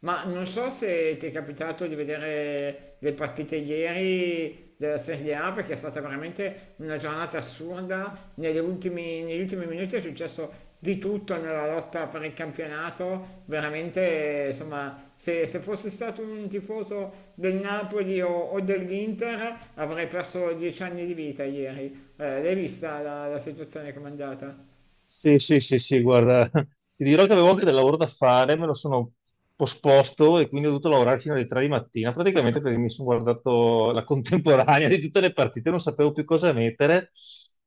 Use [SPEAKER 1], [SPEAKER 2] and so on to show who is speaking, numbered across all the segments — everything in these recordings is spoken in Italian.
[SPEAKER 1] Ma non so se ti è capitato di vedere le partite ieri della Serie A perché è stata veramente una giornata assurda. Negli ultimi minuti è successo di tutto nella lotta per il campionato. Veramente, insomma, se fossi stato un tifoso del Napoli o dell'Inter avrei perso 10 anni di vita ieri. L'hai vista la situazione comandata?
[SPEAKER 2] Sì, sì, sì, sì, guarda, ti dirò che avevo anche del lavoro da fare. Me lo sono posposto e quindi ho dovuto lavorare fino alle 3 di mattina, praticamente, perché mi sono guardato la contemporanea di tutte le partite. Non sapevo più cosa mettere.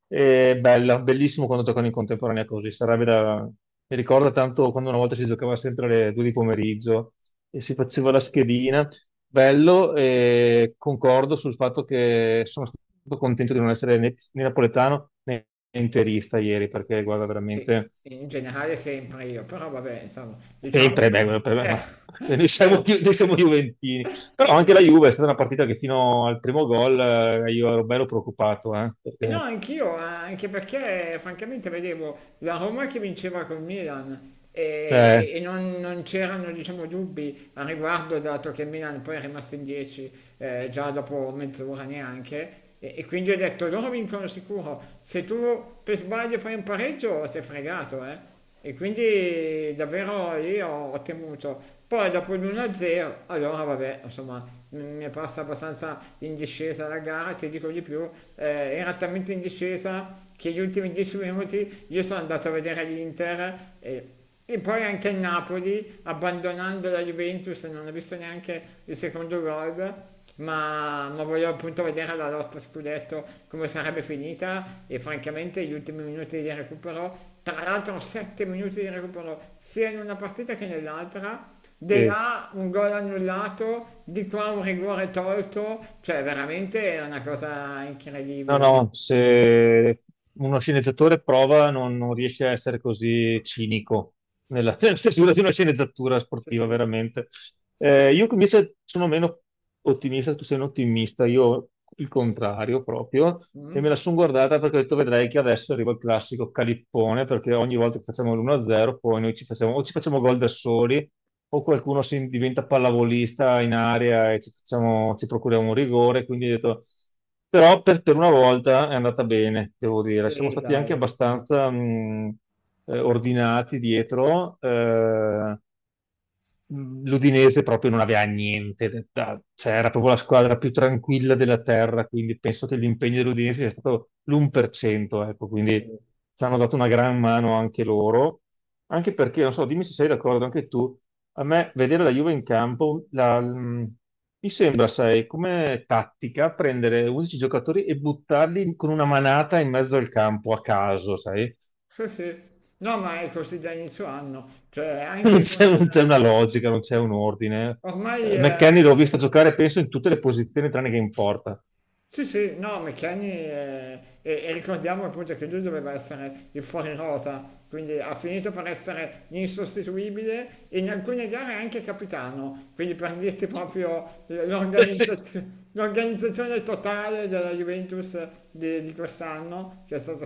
[SPEAKER 2] E bella, bellissimo quando giocano in contemporanea così, sarebbe da... Mi ricorda tanto quando una volta si giocava sempre alle 2 di pomeriggio e si faceva la schedina. Bello. E concordo sul fatto che sono stato contento di non essere né napoletano né interista ieri, perché guarda,
[SPEAKER 1] Sì,
[SPEAKER 2] veramente
[SPEAKER 1] in generale sempre io, però vabbè, insomma, diciamo.
[SPEAKER 2] sempre. Beh, guarda, per me,
[SPEAKER 1] Eh,
[SPEAKER 2] ma noi siamo,
[SPEAKER 1] ecco,
[SPEAKER 2] più- noi siamo Juventini. Però anche la
[SPEAKER 1] esatto.
[SPEAKER 2] Juve è stata una partita che fino al primo gol, io ero bello preoccupato,
[SPEAKER 1] E no, anch'io, anche perché francamente vedevo la Roma che vinceva col Milan e, e-
[SPEAKER 2] eh,
[SPEAKER 1] e non c'erano, diciamo, dubbi a riguardo, dato che il Milan poi è rimasto in 10, già dopo mezz'ora neanche, e quindi ho detto: loro vincono sicuro, se tu per sbaglio fai un pareggio sei fregato, e quindi davvero lì ho temuto. Poi dopo l'1-0, allora vabbè, insomma, mi è passata abbastanza in discesa la gara. Ti dico di più, era talmente in discesa che gli ultimi 10 minuti io sono andato a vedere l'Inter e poi anche il Napoli, abbandonando la Juventus, non ha visto neanche il secondo gol, ma voglio appunto vedere la lotta scudetto come sarebbe finita. E francamente gli ultimi minuti di recupero, tra l'altro 7 minuti di recupero sia in una partita che nell'altra, di
[SPEAKER 2] eh,
[SPEAKER 1] là un gol annullato, di qua un rigore tolto, cioè veramente è una cosa
[SPEAKER 2] no,
[SPEAKER 1] incredibile.
[SPEAKER 2] no, se uno sceneggiatore prova non riesce a essere così cinico nella, nella stesura di una sceneggiatura
[SPEAKER 1] Sì,
[SPEAKER 2] sportiva,
[SPEAKER 1] sì.
[SPEAKER 2] veramente. Io invece sono meno ottimista, tu sei un ottimista, io il contrario proprio, e
[SPEAKER 1] Mm?
[SPEAKER 2] me la sono guardata perché ho detto: vedrai che adesso arriva il classico calippone, perché ogni volta che facciamo l'1-0 poi noi ci facciamo, o ci facciamo gol da soli, o qualcuno si diventa pallavolista in area e ci procuriamo un rigore. Quindi ho detto, però per una volta è andata bene, devo dire. Siamo
[SPEAKER 1] Sì,
[SPEAKER 2] stati anche
[SPEAKER 1] dai.
[SPEAKER 2] abbastanza ordinati dietro. L'Udinese proprio non aveva niente, cioè era proprio la squadra più tranquilla della terra, quindi penso che l'impegno dell'Udinese sia stato l'1%, ecco. Quindi
[SPEAKER 1] Sì.
[SPEAKER 2] ci hanno dato una gran mano anche loro, anche perché, non so, dimmi se sei d'accordo anche tu, a me vedere la Juve in campo, mi sembra, sai, come tattica prendere 11 giocatori e buttarli con una manata in mezzo al campo a caso, sai?
[SPEAKER 1] Sì, sì. No, ma è così da inizio anno, cioè
[SPEAKER 2] non
[SPEAKER 1] anche
[SPEAKER 2] c'è non c'è una logica, non c'è un ordine.
[SPEAKER 1] Ormai... eh,
[SPEAKER 2] McKennie l'ho visto giocare, penso, in tutte le posizioni tranne che in porta.
[SPEAKER 1] sì, sì, no, e ricordiamo appunto che lui doveva essere il fuori rosa, quindi ha finito per essere insostituibile e in alcune gare anche capitano. Quindi, per dirti proprio,
[SPEAKER 2] Cioè, sì.
[SPEAKER 1] l'organizzazione totale della Juventus di quest'anno, che è stata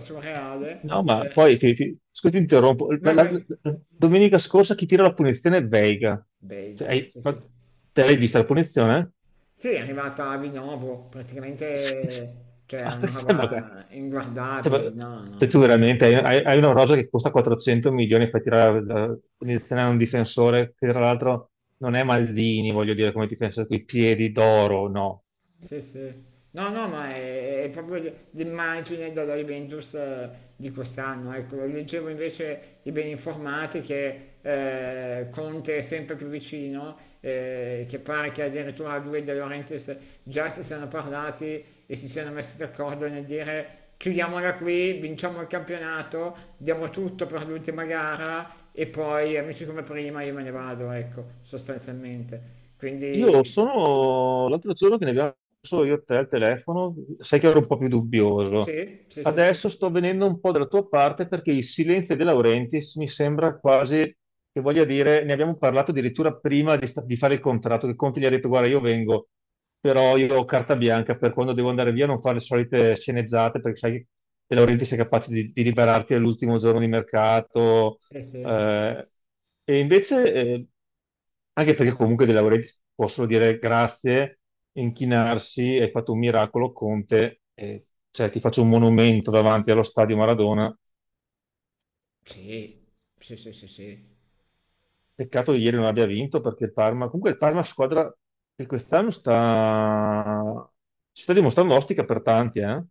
[SPEAKER 2] No,
[SPEAKER 1] surreale.
[SPEAKER 2] ma poi, scusa, ti interrompo.
[SPEAKER 1] Vai, vai.
[SPEAKER 2] Domenica scorsa chi tira la punizione è Veiga. Cioè,
[SPEAKER 1] Bega, sì,
[SPEAKER 2] ma
[SPEAKER 1] sì.
[SPEAKER 2] te l'hai vista la punizione?
[SPEAKER 1] Sì, è arrivata a Vinovo,
[SPEAKER 2] Sì.
[SPEAKER 1] praticamente, cioè è
[SPEAKER 2] Ah,
[SPEAKER 1] una
[SPEAKER 2] cioè, cioè,
[SPEAKER 1] roba
[SPEAKER 2] ma-
[SPEAKER 1] inguardabile, no,
[SPEAKER 2] cioè,
[SPEAKER 1] no.
[SPEAKER 2] tu veramente hai una rosa che costa 400 milioni e fai tirare la punizione a un difensore che tra l'altro non è Maldini, voglio dire, come difensore, con i piedi d'oro, no.
[SPEAKER 1] Sì, sì. No, no, ma è proprio l'immagine della Juventus di quest'anno. Ecco, leggevo invece i ben informati che Conte è sempre più vicino, che pare che addirittura lui e De Laurentiis già si siano parlati e si siano messi d'accordo nel dire: chiudiamola qui, vinciamo il campionato, diamo tutto per l'ultima gara e poi amici come prima, io me ne vado, ecco, sostanzialmente.
[SPEAKER 2] Io
[SPEAKER 1] Quindi
[SPEAKER 2] sono l'altro giorno che ne abbiamo solo io e te al telefono, sai che ero un po' più dubbioso.
[SPEAKER 1] sì, sì, sì, sì.
[SPEAKER 2] Adesso sto venendo un po' dalla tua parte perché il silenzio De Laurentiis mi sembra quasi che voglia dire, ne abbiamo parlato addirittura prima di fare il contratto, che Conte gli ha detto: guarda, io vengo, però io ho carta bianca, per quando devo andare via non fare le solite sceneggiate, perché sai che De Laurentiis è capace di liberarti all'ultimo giorno di mercato,
[SPEAKER 1] Sì, sì,
[SPEAKER 2] eh, e invece, anche perché comunque dei lavoretti possono dire grazie, inchinarsi, hai fatto un miracolo, Conte, e, cioè, ti faccio un monumento davanti allo stadio Maradona.
[SPEAKER 1] sì, sì, sì, sì, sì.
[SPEAKER 2] Peccato che ieri non abbia vinto, perché il Parma, comunque, il Parma è una squadra che quest'anno si sta dimostrando ostica per tanti, eh?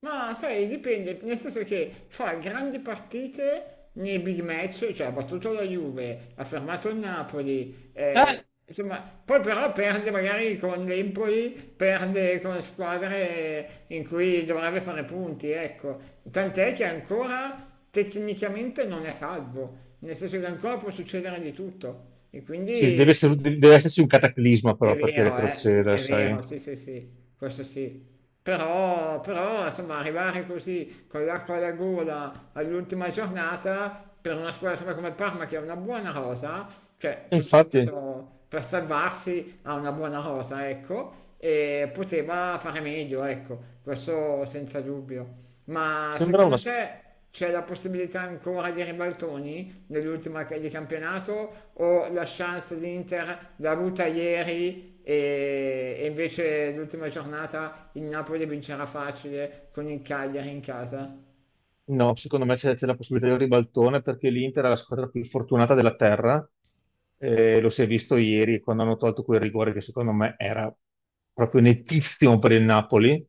[SPEAKER 1] Ma sai, dipende, nel senso che fa grandi partite nei big match, cioè ha battuto la Juve, ha fermato il Napoli,
[SPEAKER 2] Eh,
[SPEAKER 1] insomma, poi però perde magari con l'Empoli, perde con squadre in cui dovrebbe fare punti, ecco. Tant'è che ancora tecnicamente non è salvo, nel senso che ancora può succedere di tutto. E
[SPEAKER 2] Sì,
[SPEAKER 1] quindi.
[SPEAKER 2] deve esserci un cataclisma
[SPEAKER 1] È
[SPEAKER 2] però perché
[SPEAKER 1] vero, eh?
[SPEAKER 2] retroceda,
[SPEAKER 1] È vero,
[SPEAKER 2] sai?
[SPEAKER 1] sì, sì, sì, questo sì. Però, insomma, arrivare così con l'acqua alla gola all'ultima giornata per una squadra, insomma, come il Parma che ha una buona rosa, cioè
[SPEAKER 2] E
[SPEAKER 1] tutto
[SPEAKER 2] infatti
[SPEAKER 1] sommato per salvarsi ha una buona rosa, ecco, e poteva fare meglio, ecco, questo senza dubbio. Ma
[SPEAKER 2] sembra una...
[SPEAKER 1] secondo te c'è la possibilità ancora di ribaltoni nell'ultima di campionato, o la chance dell'Inter l'ha avuta ieri e invece l'ultima giornata il Napoli vincerà facile con il Cagliari in casa?
[SPEAKER 2] No, secondo me c'è la possibilità di un ribaltone perché l'Inter è la squadra più fortunata della terra. Lo si è visto ieri quando hanno tolto quel rigore che, secondo me, era proprio nettissimo per il Napoli.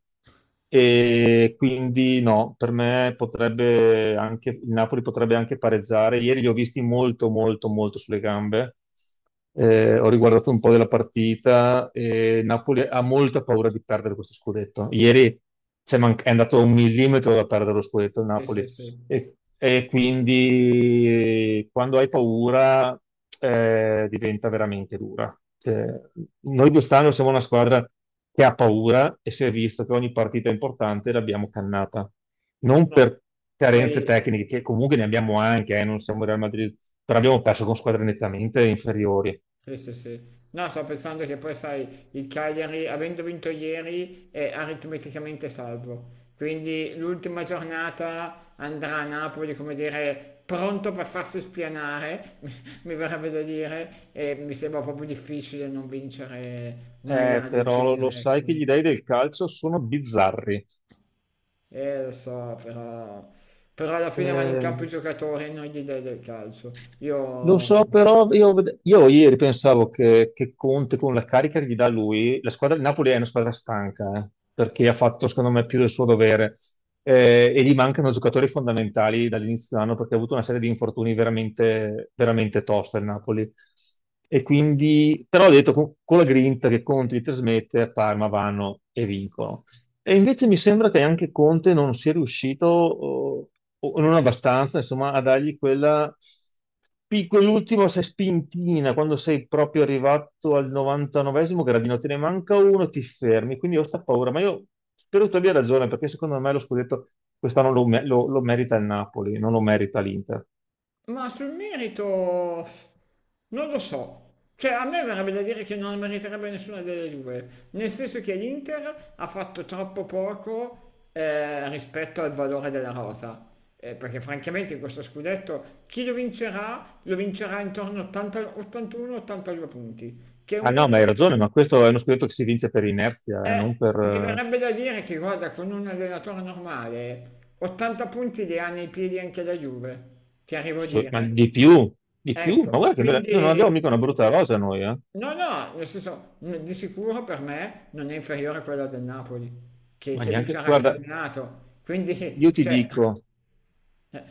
[SPEAKER 2] E quindi no, per me potrebbe anche, il Napoli potrebbe anche pareggiare. Ieri li ho visti molto, molto, molto sulle gambe, ho riguardato un po' della partita e Napoli ha molta paura di perdere questo scudetto. Ieri è andato un millimetro da perdere lo scudetto, il
[SPEAKER 1] Sì, sì,
[SPEAKER 2] Napoli.
[SPEAKER 1] sì.
[SPEAKER 2] E quindi, quando hai paura, diventa veramente dura. Cioè, noi quest'anno siamo una squadra che ha paura e si è visto che ogni partita importante l'abbiamo cannata. Non
[SPEAKER 1] No.
[SPEAKER 2] per carenze
[SPEAKER 1] Poi.
[SPEAKER 2] tecniche, che comunque ne abbiamo anche, non siamo il Real Madrid, però abbiamo perso con squadre nettamente inferiori.
[SPEAKER 1] Sì, sì, sì. No, sto pensando che poi, sai, il Cagliari, avendo vinto ieri, è aritmeticamente salvo. Quindi l'ultima giornata andrà a Napoli, come dire, pronto per farsi spianare, mi verrebbe da dire, e mi sembra proprio difficile non vincere una gara del
[SPEAKER 2] Però lo
[SPEAKER 1] genere, ecco.
[SPEAKER 2] sai che gli dei del calcio sono bizzarri.
[SPEAKER 1] Lo so, però. Però alla fine vanno in campo i
[SPEAKER 2] Eh,
[SPEAKER 1] giocatori e non gli dai del calcio.
[SPEAKER 2] Lo
[SPEAKER 1] Io.
[SPEAKER 2] so, però io, io ieri pensavo che Conte, con la carica che gli dà lui, la squadra di Napoli è una squadra stanca, perché ha fatto, secondo me, più del suo dovere. E gli mancano giocatori fondamentali dall'inizio dell'anno, perché ha avuto una serie di infortuni veramente, veramente tosta il Napoli. E quindi, però ho detto, con la grinta che Conte gli trasmette, a Parma vanno e vincono. E invece mi sembra che anche Conte non sia riuscito, o, non abbastanza, insomma, a dargli quella, quell'ultima, sai, spintina: quando sei proprio arrivato al 99esimo gradino, te ne manca uno, ti fermi. Quindi ho sta paura, ma io spero tu abbia ragione, perché secondo me lo scudetto quest'anno lo merita il Napoli, non lo merita l'Inter.
[SPEAKER 1] Ma sul merito non lo so. Cioè, a me verrebbe da dire che non meriterebbe nessuna delle due, nel senso che l'Inter ha fatto troppo poco rispetto al valore della rosa. Perché francamente in questo scudetto chi lo vincerà intorno a 80 81-82 punti, che
[SPEAKER 2] Ah no, ma
[SPEAKER 1] un,
[SPEAKER 2] hai ragione, ma questo è uno scudetto che si vince per inerzia, non
[SPEAKER 1] eh,
[SPEAKER 2] per...
[SPEAKER 1] mi verrebbe da dire che, guarda, con un allenatore normale 80 punti li ha nei piedi anche la Juve, ti arrivo a
[SPEAKER 2] ma
[SPEAKER 1] dire.
[SPEAKER 2] di più, di più. Ma
[SPEAKER 1] Ecco,
[SPEAKER 2] guarda che noi non abbiamo
[SPEAKER 1] quindi
[SPEAKER 2] mica una brutta rosa, noi, eh.
[SPEAKER 1] no, no, nel senso, di sicuro per me non è inferiore a quella del Napoli, che,
[SPEAKER 2] Ma
[SPEAKER 1] che
[SPEAKER 2] neanche,
[SPEAKER 1] vincerà il
[SPEAKER 2] guarda,
[SPEAKER 1] campionato.
[SPEAKER 2] io
[SPEAKER 1] Quindi,
[SPEAKER 2] ti
[SPEAKER 1] cioè,
[SPEAKER 2] dico,
[SPEAKER 1] eh,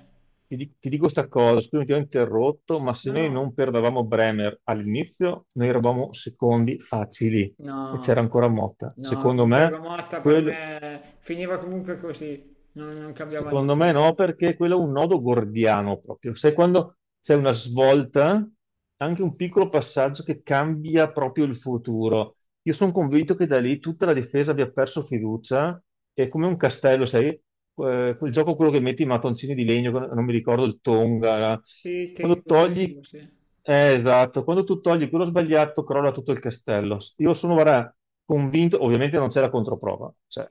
[SPEAKER 2] ti dico sta cosa, scusami, ti ho interrotto, ma se
[SPEAKER 1] no,
[SPEAKER 2] noi
[SPEAKER 1] no,
[SPEAKER 2] non perdevamo Bremer all'inizio, noi eravamo secondi facili e c'era
[SPEAKER 1] no,
[SPEAKER 2] ancora Motta.
[SPEAKER 1] no, con Thiago Motta per
[SPEAKER 2] Quel-
[SPEAKER 1] me finiva comunque così, non cambiava
[SPEAKER 2] Secondo me
[SPEAKER 1] nulla.
[SPEAKER 2] no, perché quello è un nodo gordiano proprio. Sai, quando c'è una svolta, anche un piccolo passaggio che cambia proprio il futuro. Io sono convinto che da lì tutta la difesa abbia perso fiducia, è come un castello, sai? Quel gioco, quello che metti i mattoncini di legno, non mi ricordo, il Tonga.
[SPEAKER 1] Sì,
[SPEAKER 2] Quando
[SPEAKER 1] tengo,
[SPEAKER 2] togli,
[SPEAKER 1] tolgo, sì.
[SPEAKER 2] esatto, quando tu togli quello sbagliato, crolla tutto il castello. Io sono, guarda, convinto, ovviamente non c'è la controprova, cioè,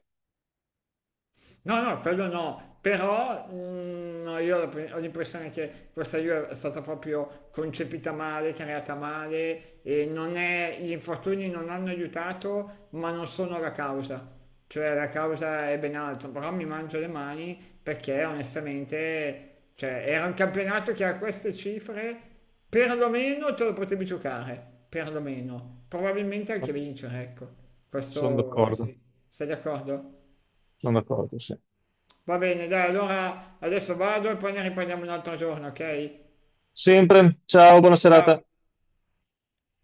[SPEAKER 1] No, no, quello no, però no, io ho la ho l'impressione che questa Juve è stata proprio concepita male, creata male, e non è, gli infortuni non hanno aiutato, ma non sono la causa. Cioè la causa è ben altro, però mi mangio le mani perché, onestamente, cioè era un campionato che a queste cifre perlomeno te lo potevi giocare, perlomeno, probabilmente anche vincere, ecco.
[SPEAKER 2] sono
[SPEAKER 1] Questo
[SPEAKER 2] d'accordo.
[SPEAKER 1] sì, sei d'accordo?
[SPEAKER 2] Sono d'accordo, sì.
[SPEAKER 1] Va bene, dai, allora adesso vado e poi ne riprendiamo un altro giorno, ok?
[SPEAKER 2] Sempre. Ciao, buona
[SPEAKER 1] Ciao.
[SPEAKER 2] serata.